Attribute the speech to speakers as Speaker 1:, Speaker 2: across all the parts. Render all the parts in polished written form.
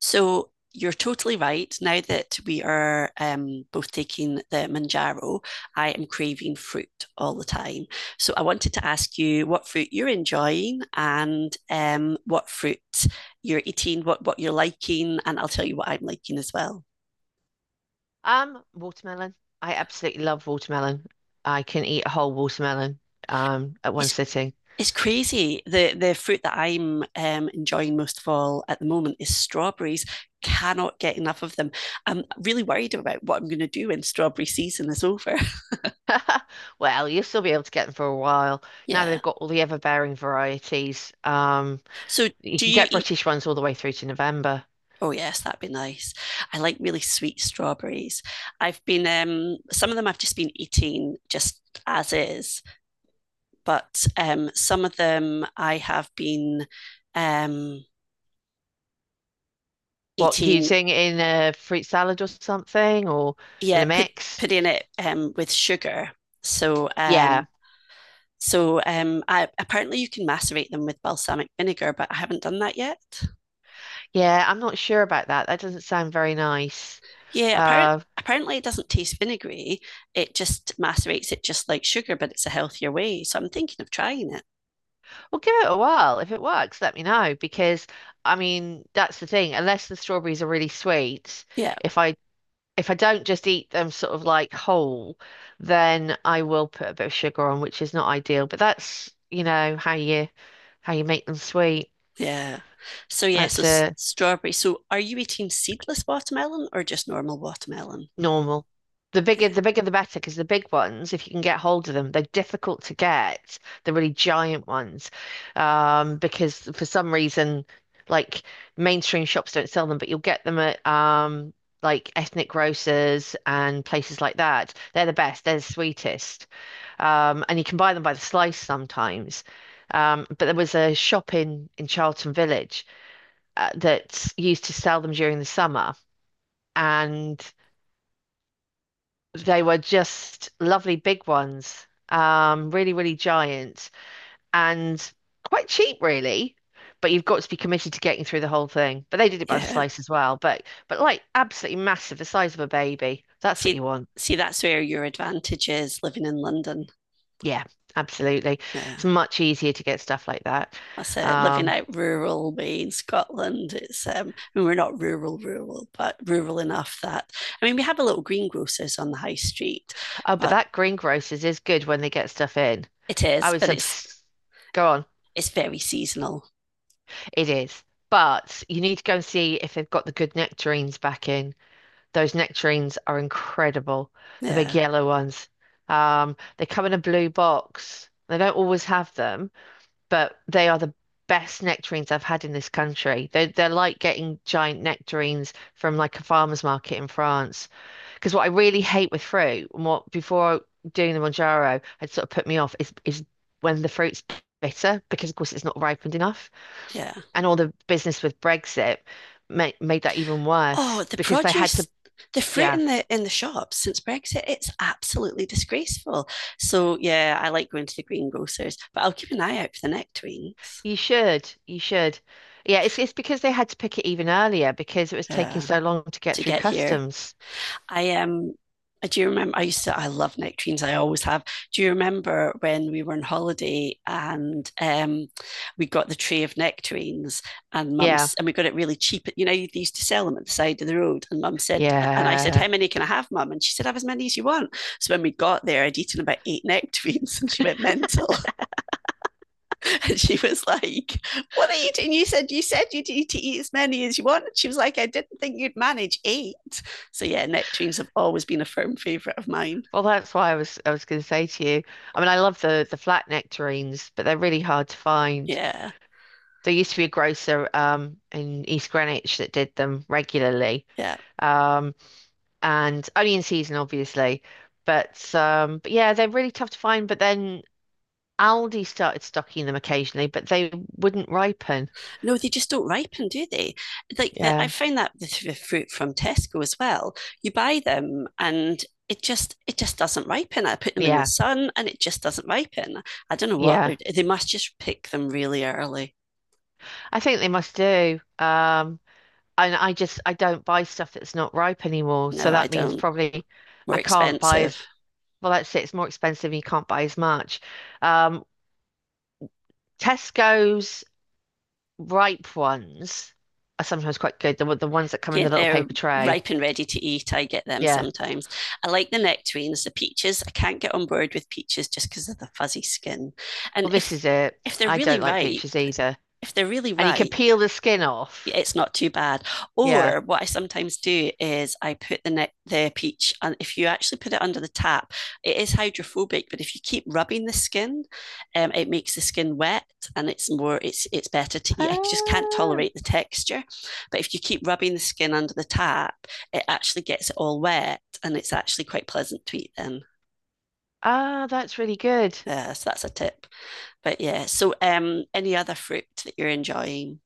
Speaker 1: So you're totally right. Now that we are both taking the Manjaro, I am craving fruit all the time. So I wanted to ask you what fruit you're enjoying and what fruit you're eating, what you're liking, and I'll tell you what I'm liking as well.
Speaker 2: Watermelon. I absolutely love watermelon. I can eat a whole watermelon at one
Speaker 1: It's
Speaker 2: sitting.
Speaker 1: it's crazy. The fruit that I'm enjoying most of all at the moment is strawberries. Cannot get enough of them. I'm really worried about what I'm going to do when strawberry season is over.
Speaker 2: Well, you'll still be able to get them for a while. Now
Speaker 1: Yeah.
Speaker 2: they've got all the ever-bearing varieties.
Speaker 1: So
Speaker 2: You
Speaker 1: do
Speaker 2: can
Speaker 1: you
Speaker 2: get
Speaker 1: eat?
Speaker 2: British ones all the way through to November.
Speaker 1: Oh yes, that'd be nice. I like really sweet strawberries. I've been some of them I've just been eating just as is, but some of them I have been um
Speaker 2: What,
Speaker 1: eating,
Speaker 2: using in a fruit salad or something or in
Speaker 1: yeah,
Speaker 2: a mix?
Speaker 1: putting it with sugar. So
Speaker 2: Yeah.
Speaker 1: so I Apparently you can macerate them with balsamic vinegar, but I haven't done that yet.
Speaker 2: Yeah, I'm not sure about that. That doesn't sound very nice.
Speaker 1: Yeah, apparent,
Speaker 2: Uh,
Speaker 1: Apparently it doesn't taste vinegary. It just macerates it just like sugar, but it's a healthier way. So I'm thinking of trying it.
Speaker 2: Well, give it a whirl. If it works, let me know because that's the thing. Unless the strawberries are really sweet,
Speaker 1: Yeah,
Speaker 2: if I if I don't just eat them sort of like whole, then I will put a bit of sugar on, which is not ideal. But that's how you how you make them sweet.
Speaker 1: yeah. So yeah, so
Speaker 2: That's a
Speaker 1: strawberry. So are you eating seedless watermelon or just normal watermelon?
Speaker 2: normal. The bigger,
Speaker 1: Yeah.
Speaker 2: the bigger, the better, because the big ones, if you can get hold of them, they're difficult to get. The really giant ones, because for some reason, like mainstream shops don't sell them, but you'll get them at like ethnic grocers and places like that. They're the best. They're the sweetest, and you can buy them by the slice sometimes. But there was a shop in Charlton Village that used to sell them during the summer and they were just lovely big ones, really, really giant and quite cheap, really. But you've got to be committed to getting through the whole thing. But they did it by the
Speaker 1: Yeah.
Speaker 2: slice as well. But like absolutely massive, the size of a baby. That's what you
Speaker 1: See,
Speaker 2: want.
Speaker 1: see, that's where your advantage is living in London.
Speaker 2: Yeah, absolutely.
Speaker 1: Yeah.
Speaker 2: It's much easier to get stuff like that.
Speaker 1: I say living
Speaker 2: Um,
Speaker 1: out rural me in Scotland. It's I mean, we're not rural, rural, but rural enough that I mean we have a little greengrocers on the high street,
Speaker 2: oh, but
Speaker 1: but
Speaker 2: that greengrocers is good when they get stuff in.
Speaker 1: it
Speaker 2: I
Speaker 1: is,
Speaker 2: was
Speaker 1: but
Speaker 2: obs Go on.
Speaker 1: it's very seasonal.
Speaker 2: It is. But you need to go and see if they've got the good nectarines back in. Those nectarines are incredible. The big
Speaker 1: Yeah,
Speaker 2: yellow ones. They come in a blue box. They don't always have them, but they are the best nectarines I've had in this country. They're like getting giant nectarines from like a farmer's market in France. Because what I really hate with fruit, and what before doing the Monjaro had sort of put me off, is when the fruit's bitter, because of course it's not ripened enough,
Speaker 1: yeah.
Speaker 2: and all the business with Brexit made that even
Speaker 1: Oh,
Speaker 2: worse
Speaker 1: the
Speaker 2: because they had to.
Speaker 1: produce, the fruit
Speaker 2: Yeah.
Speaker 1: in the shops since Brexit, it's absolutely disgraceful. So yeah, I like going to the greengrocers, but I'll keep an eye out for the nectarines.
Speaker 2: You should. You should. Yeah, it's because they had to pick it even earlier because it was taking
Speaker 1: Yeah,
Speaker 2: so long to get
Speaker 1: to
Speaker 2: through
Speaker 1: get here.
Speaker 2: customs.
Speaker 1: I am. Do you remember I used to I love nectarines, I always have. Do you remember when we were on holiday and we got the tray of nectarines and
Speaker 2: Yeah.
Speaker 1: mum's and we got it really cheap. You know, they used to sell them at the side of the road. And mum said, and I said,
Speaker 2: Yeah.
Speaker 1: how many can I have, mum? And she said, have as many as you want. So when we got there, I'd eaten about eight nectarines and she went mental. And she was like, what are you doing? You said to eat as many as you want. And she was like, I didn't think you'd manage eight. So yeah, nectarines have always been a firm favourite of mine.
Speaker 2: Well, that's why I was going to say to you. I love the flat nectarines, but they're really hard to find.
Speaker 1: Yeah.
Speaker 2: There used to be a grocer in East Greenwich that did them regularly.
Speaker 1: Yeah.
Speaker 2: Um and only in season obviously. But yeah, they're really tough to find, but then Aldi started stocking them occasionally, but they wouldn't ripen.
Speaker 1: No, they just don't ripen, do they? Like the, I
Speaker 2: Yeah.
Speaker 1: find that with the fruit from Tesco as well. You buy them and it just doesn't ripen. I put them in the
Speaker 2: Yeah.
Speaker 1: sun and it just doesn't ripen. I don't know what
Speaker 2: Yeah,
Speaker 1: they must just pick them really early.
Speaker 2: I think they must do. And I just I don't buy stuff that's not ripe anymore. So
Speaker 1: No, I
Speaker 2: that means
Speaker 1: don't.
Speaker 2: probably
Speaker 1: More
Speaker 2: I can't buy
Speaker 1: expensive.
Speaker 2: as well. That's it. It's more expensive. And you can't buy as much. Um, Tesco's ripe ones are sometimes quite good. The ones that come in
Speaker 1: Yeah,
Speaker 2: the little
Speaker 1: they're
Speaker 2: paper tray.
Speaker 1: ripe and ready to eat. I get them
Speaker 2: Yeah.
Speaker 1: sometimes. I like the nectarines, the peaches. I can't get on board with peaches just because of the fuzzy skin. And
Speaker 2: Well, this
Speaker 1: if
Speaker 2: is it.
Speaker 1: if they're
Speaker 2: I
Speaker 1: really
Speaker 2: don't like
Speaker 1: ripe,
Speaker 2: peaches either.
Speaker 1: if they're really
Speaker 2: And you can
Speaker 1: ripe,
Speaker 2: peel the skin off.
Speaker 1: it's not too bad.
Speaker 2: Yeah.
Speaker 1: Or what I sometimes do is I put the peach, and if you actually put it under the tap, it is hydrophobic. But if you keep rubbing the skin, it makes the skin wet, and it's more it's better to eat. I just can't
Speaker 2: Ah,
Speaker 1: tolerate the texture, but if you keep rubbing the skin under the tap, it actually gets it all wet, and it's actually quite pleasant to eat then.
Speaker 2: ah, that's really good.
Speaker 1: Yeah, so that's a tip. But yeah, so any other fruit that you're enjoying?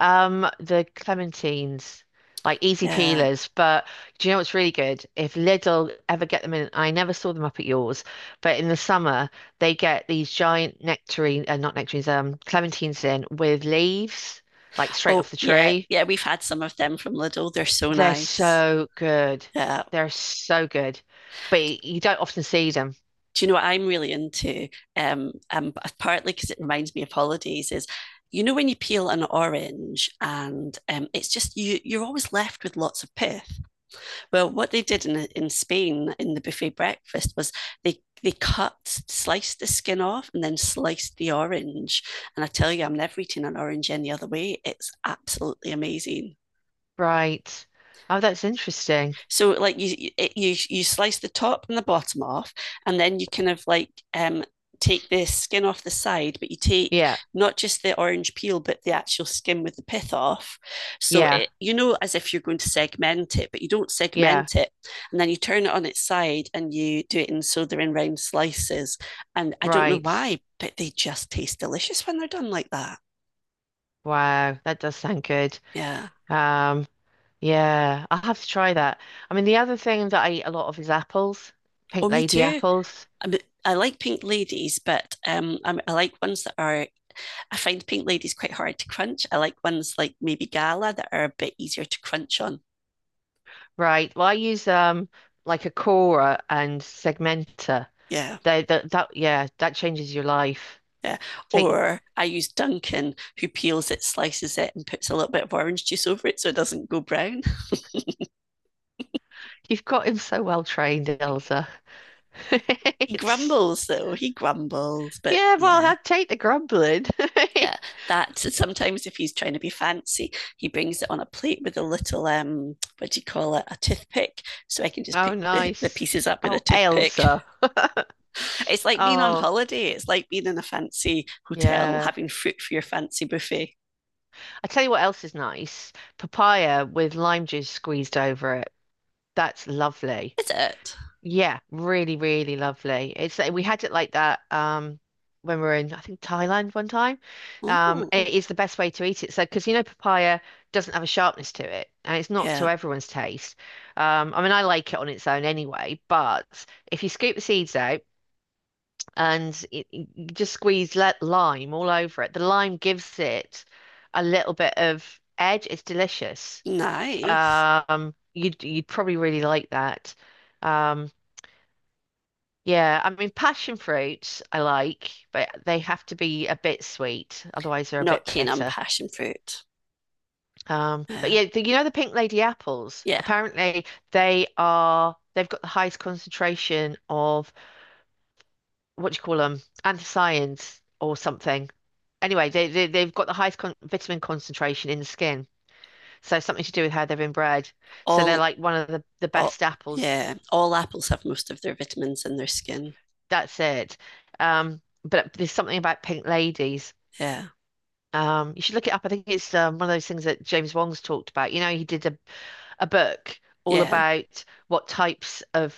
Speaker 2: The clementines, like easy
Speaker 1: Yeah.
Speaker 2: peelers. But do you know what's really good? If Lidl ever get them in, I never saw them up at yours, but in the summer they get these giant nectarine, not nectarines, clementines in with leaves, like straight
Speaker 1: Oh,
Speaker 2: off the
Speaker 1: yeah,
Speaker 2: tree.
Speaker 1: yeah, we've had some of them from Lidl. They're so
Speaker 2: They're
Speaker 1: nice.
Speaker 2: so good.
Speaker 1: Yeah.
Speaker 2: They're so good. But you don't often see them.
Speaker 1: Do you know what I'm really into? Um, um, Partly because it reminds me of holidays is, you know, when you peel an orange and it's just you're always left with lots of pith. Well, what they did in Spain in the buffet breakfast was they sliced the skin off, and then sliced the orange. And I tell you, I'm never eating an orange any other way. It's absolutely amazing.
Speaker 2: Right. Oh, that's interesting.
Speaker 1: So like you you slice the top and the bottom off, and then you kind of like take the skin off the side, but you take
Speaker 2: Yeah.
Speaker 1: not just the orange peel, but the actual skin with the pith off. So
Speaker 2: Yeah.
Speaker 1: it you know as if you're going to segment it, but you don't
Speaker 2: Yeah.
Speaker 1: segment it, and then you turn it on its side and you do it in so they're in round slices. And I don't know
Speaker 2: Right.
Speaker 1: why, but they just taste delicious when they're done like that.
Speaker 2: Wow. That does sound good.
Speaker 1: Yeah.
Speaker 2: Um, Yeah, I'll have to try that. I mean, the other thing that I eat a lot of is apples,
Speaker 1: Oh,
Speaker 2: pink
Speaker 1: me
Speaker 2: lady
Speaker 1: too.
Speaker 2: apples.
Speaker 1: I, mean I like pink ladies, but I like ones that are I find pink ladies quite hard to crunch. I like ones like maybe Gala that are a bit easier to crunch on.
Speaker 2: Right. Well, I use like a corer and segmenter.
Speaker 1: Yeah.
Speaker 2: They that that yeah, that changes your life.
Speaker 1: Yeah.
Speaker 2: Take
Speaker 1: Or I use Duncan, who peels it, slices it, and puts a little bit of orange juice over it so it doesn't go brown.
Speaker 2: You've got him so well trained, Elsa.
Speaker 1: He
Speaker 2: It's
Speaker 1: grumbles though. He grumbles, but
Speaker 2: Yeah, well,
Speaker 1: yeah.
Speaker 2: I'd take the grumbling.
Speaker 1: Yeah, that sometimes if he's trying to be fancy, he brings it on a plate with a little what do you call it, a toothpick, so I can just
Speaker 2: Oh,
Speaker 1: pick the
Speaker 2: nice.
Speaker 1: pieces up with a
Speaker 2: Oh,
Speaker 1: toothpick.
Speaker 2: Elsa.
Speaker 1: It's like being on
Speaker 2: Oh,
Speaker 1: holiday. It's like being in a fancy hotel,
Speaker 2: yeah.
Speaker 1: having fruit for your fancy buffet.
Speaker 2: I tell you what else is nice. Papaya with lime juice squeezed over it. That's lovely.
Speaker 1: Is it?
Speaker 2: Yeah, really, really lovely. It's like we had it like that when we were in I think Thailand one time.
Speaker 1: Oh,
Speaker 2: It is the best way to eat it. So because you know papaya doesn't have a sharpness to it and it's not to
Speaker 1: yeah.
Speaker 2: everyone's taste. I like it on its own anyway, but if you scoop the seeds out you just squeeze let lime all over it, the lime gives it a little bit of edge. It's delicious.
Speaker 1: Nice.
Speaker 2: You'd probably really like that. Um yeah, I mean, passion fruits I like, but they have to be a bit sweet, otherwise they're a
Speaker 1: Not
Speaker 2: bit
Speaker 1: keen on
Speaker 2: bitter.
Speaker 1: passion fruit.
Speaker 2: But
Speaker 1: Yeah.
Speaker 2: yeah, the, you know the Pink Lady apples.
Speaker 1: Yeah.
Speaker 2: Apparently, they've got the highest concentration of what do you call them, anthocyanins or something. Anyway, they've got the highest con vitamin concentration in the skin, so something to do with how they've been bred. So they're
Speaker 1: All,
Speaker 2: like one of the
Speaker 1: all,
Speaker 2: best apples.
Speaker 1: yeah. All apples have most of their vitamins in their skin.
Speaker 2: That's it. But there's something about Pink Ladies.
Speaker 1: Yeah.
Speaker 2: You should look it up. I think it's one of those things that James Wong's talked about. You know, a book all
Speaker 1: Yeah.
Speaker 2: about what types of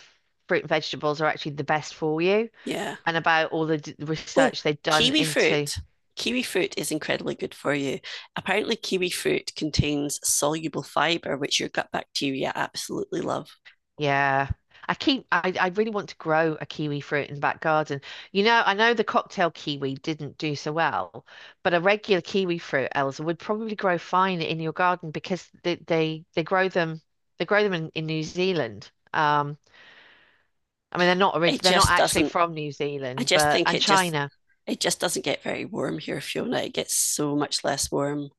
Speaker 2: fruit and vegetables are actually the best for you,
Speaker 1: Yeah.
Speaker 2: and about all the d
Speaker 1: Oh,
Speaker 2: research they've done
Speaker 1: kiwi
Speaker 2: into.
Speaker 1: fruit. Kiwi fruit is incredibly good for you. Apparently, kiwi fruit contains soluble fiber, which your gut bacteria absolutely love.
Speaker 2: Yeah, I keep. I really want to grow a kiwi fruit in the back garden. You know, I know the cocktail kiwi didn't do so well, but a regular kiwi fruit, Elsa, would probably grow fine in your garden because they grow them in New Zealand.
Speaker 1: It
Speaker 2: They're not
Speaker 1: just
Speaker 2: actually
Speaker 1: doesn't
Speaker 2: from New
Speaker 1: I
Speaker 2: Zealand,
Speaker 1: just
Speaker 2: but
Speaker 1: think
Speaker 2: and China.
Speaker 1: it just doesn't get very warm here, Fiona. It gets so much less warm.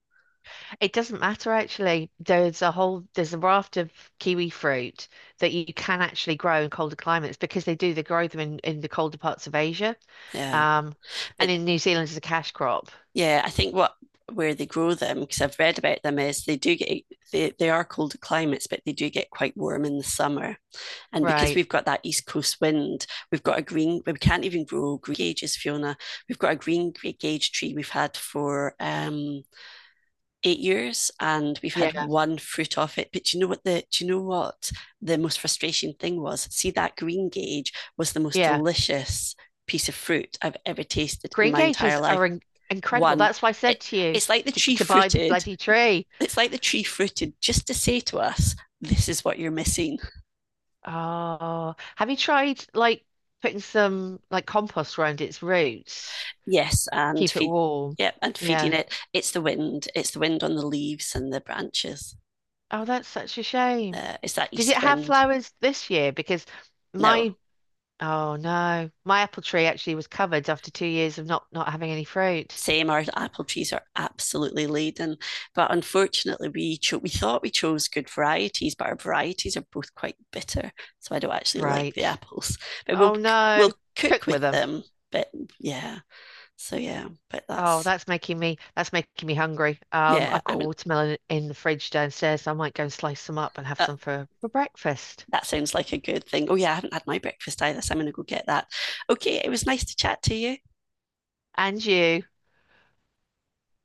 Speaker 2: It doesn't matter actually. There's a raft of kiwi fruit that you can actually grow in colder climates because they grow them in the colder parts of Asia,
Speaker 1: Yeah.
Speaker 2: um, and
Speaker 1: But
Speaker 2: in New Zealand it's a cash crop,
Speaker 1: yeah, I think what where they grow them, because I've read about them, is they do get they are colder climates, but they do get quite warm in the summer. And because
Speaker 2: right?
Speaker 1: we've got that east coast wind, we can't even grow green gauges, Fiona. We've got a green gauge tree we've had for eight years, and we've
Speaker 2: Yeah,
Speaker 1: had one fruit off it. But you know what, the do you know what the most frustrating thing was, see, that green gauge was the most
Speaker 2: yeah.
Speaker 1: delicious piece of fruit I've ever tasted in
Speaker 2: Green
Speaker 1: my entire
Speaker 2: gages
Speaker 1: life.
Speaker 2: are in incredible.
Speaker 1: one
Speaker 2: That's why I
Speaker 1: it,
Speaker 2: said to you
Speaker 1: it's like the
Speaker 2: to
Speaker 1: tree
Speaker 2: buy the
Speaker 1: fruited,
Speaker 2: bloody tree.
Speaker 1: just to say to us, this is what you're missing.
Speaker 2: Oh, have you tried like putting some like compost around its roots?
Speaker 1: Yes and
Speaker 2: Keep it
Speaker 1: feed
Speaker 2: warm.
Speaker 1: Yeah, and
Speaker 2: Yeah.
Speaker 1: feeding it, it's the wind, it's the wind on the leaves and the branches.
Speaker 2: Oh, that's such a shame.
Speaker 1: It's that
Speaker 2: Did it
Speaker 1: east
Speaker 2: have
Speaker 1: wind.
Speaker 2: flowers this year?
Speaker 1: No,
Speaker 2: My, oh no, my apple tree actually was covered after 2 years of not having any fruit.
Speaker 1: same, our apple trees are absolutely laden, but unfortunately we thought we chose good varieties, but our varieties are both quite bitter, so I don't actually like the
Speaker 2: Right.
Speaker 1: apples, but
Speaker 2: Oh
Speaker 1: we'll
Speaker 2: no. Cook
Speaker 1: cook
Speaker 2: with
Speaker 1: with
Speaker 2: them.
Speaker 1: them. But yeah, so yeah, but
Speaker 2: Oh,
Speaker 1: that's
Speaker 2: that's making me hungry.
Speaker 1: yeah,
Speaker 2: I've got
Speaker 1: I
Speaker 2: a
Speaker 1: mean,
Speaker 2: watermelon in the fridge downstairs, so I might go and slice some up and have
Speaker 1: uh,
Speaker 2: some for breakfast.
Speaker 1: that sounds like a good thing. Oh yeah, I haven't had my breakfast either, so I'm going to go get that. Okay, it was nice to chat to you.
Speaker 2: And you.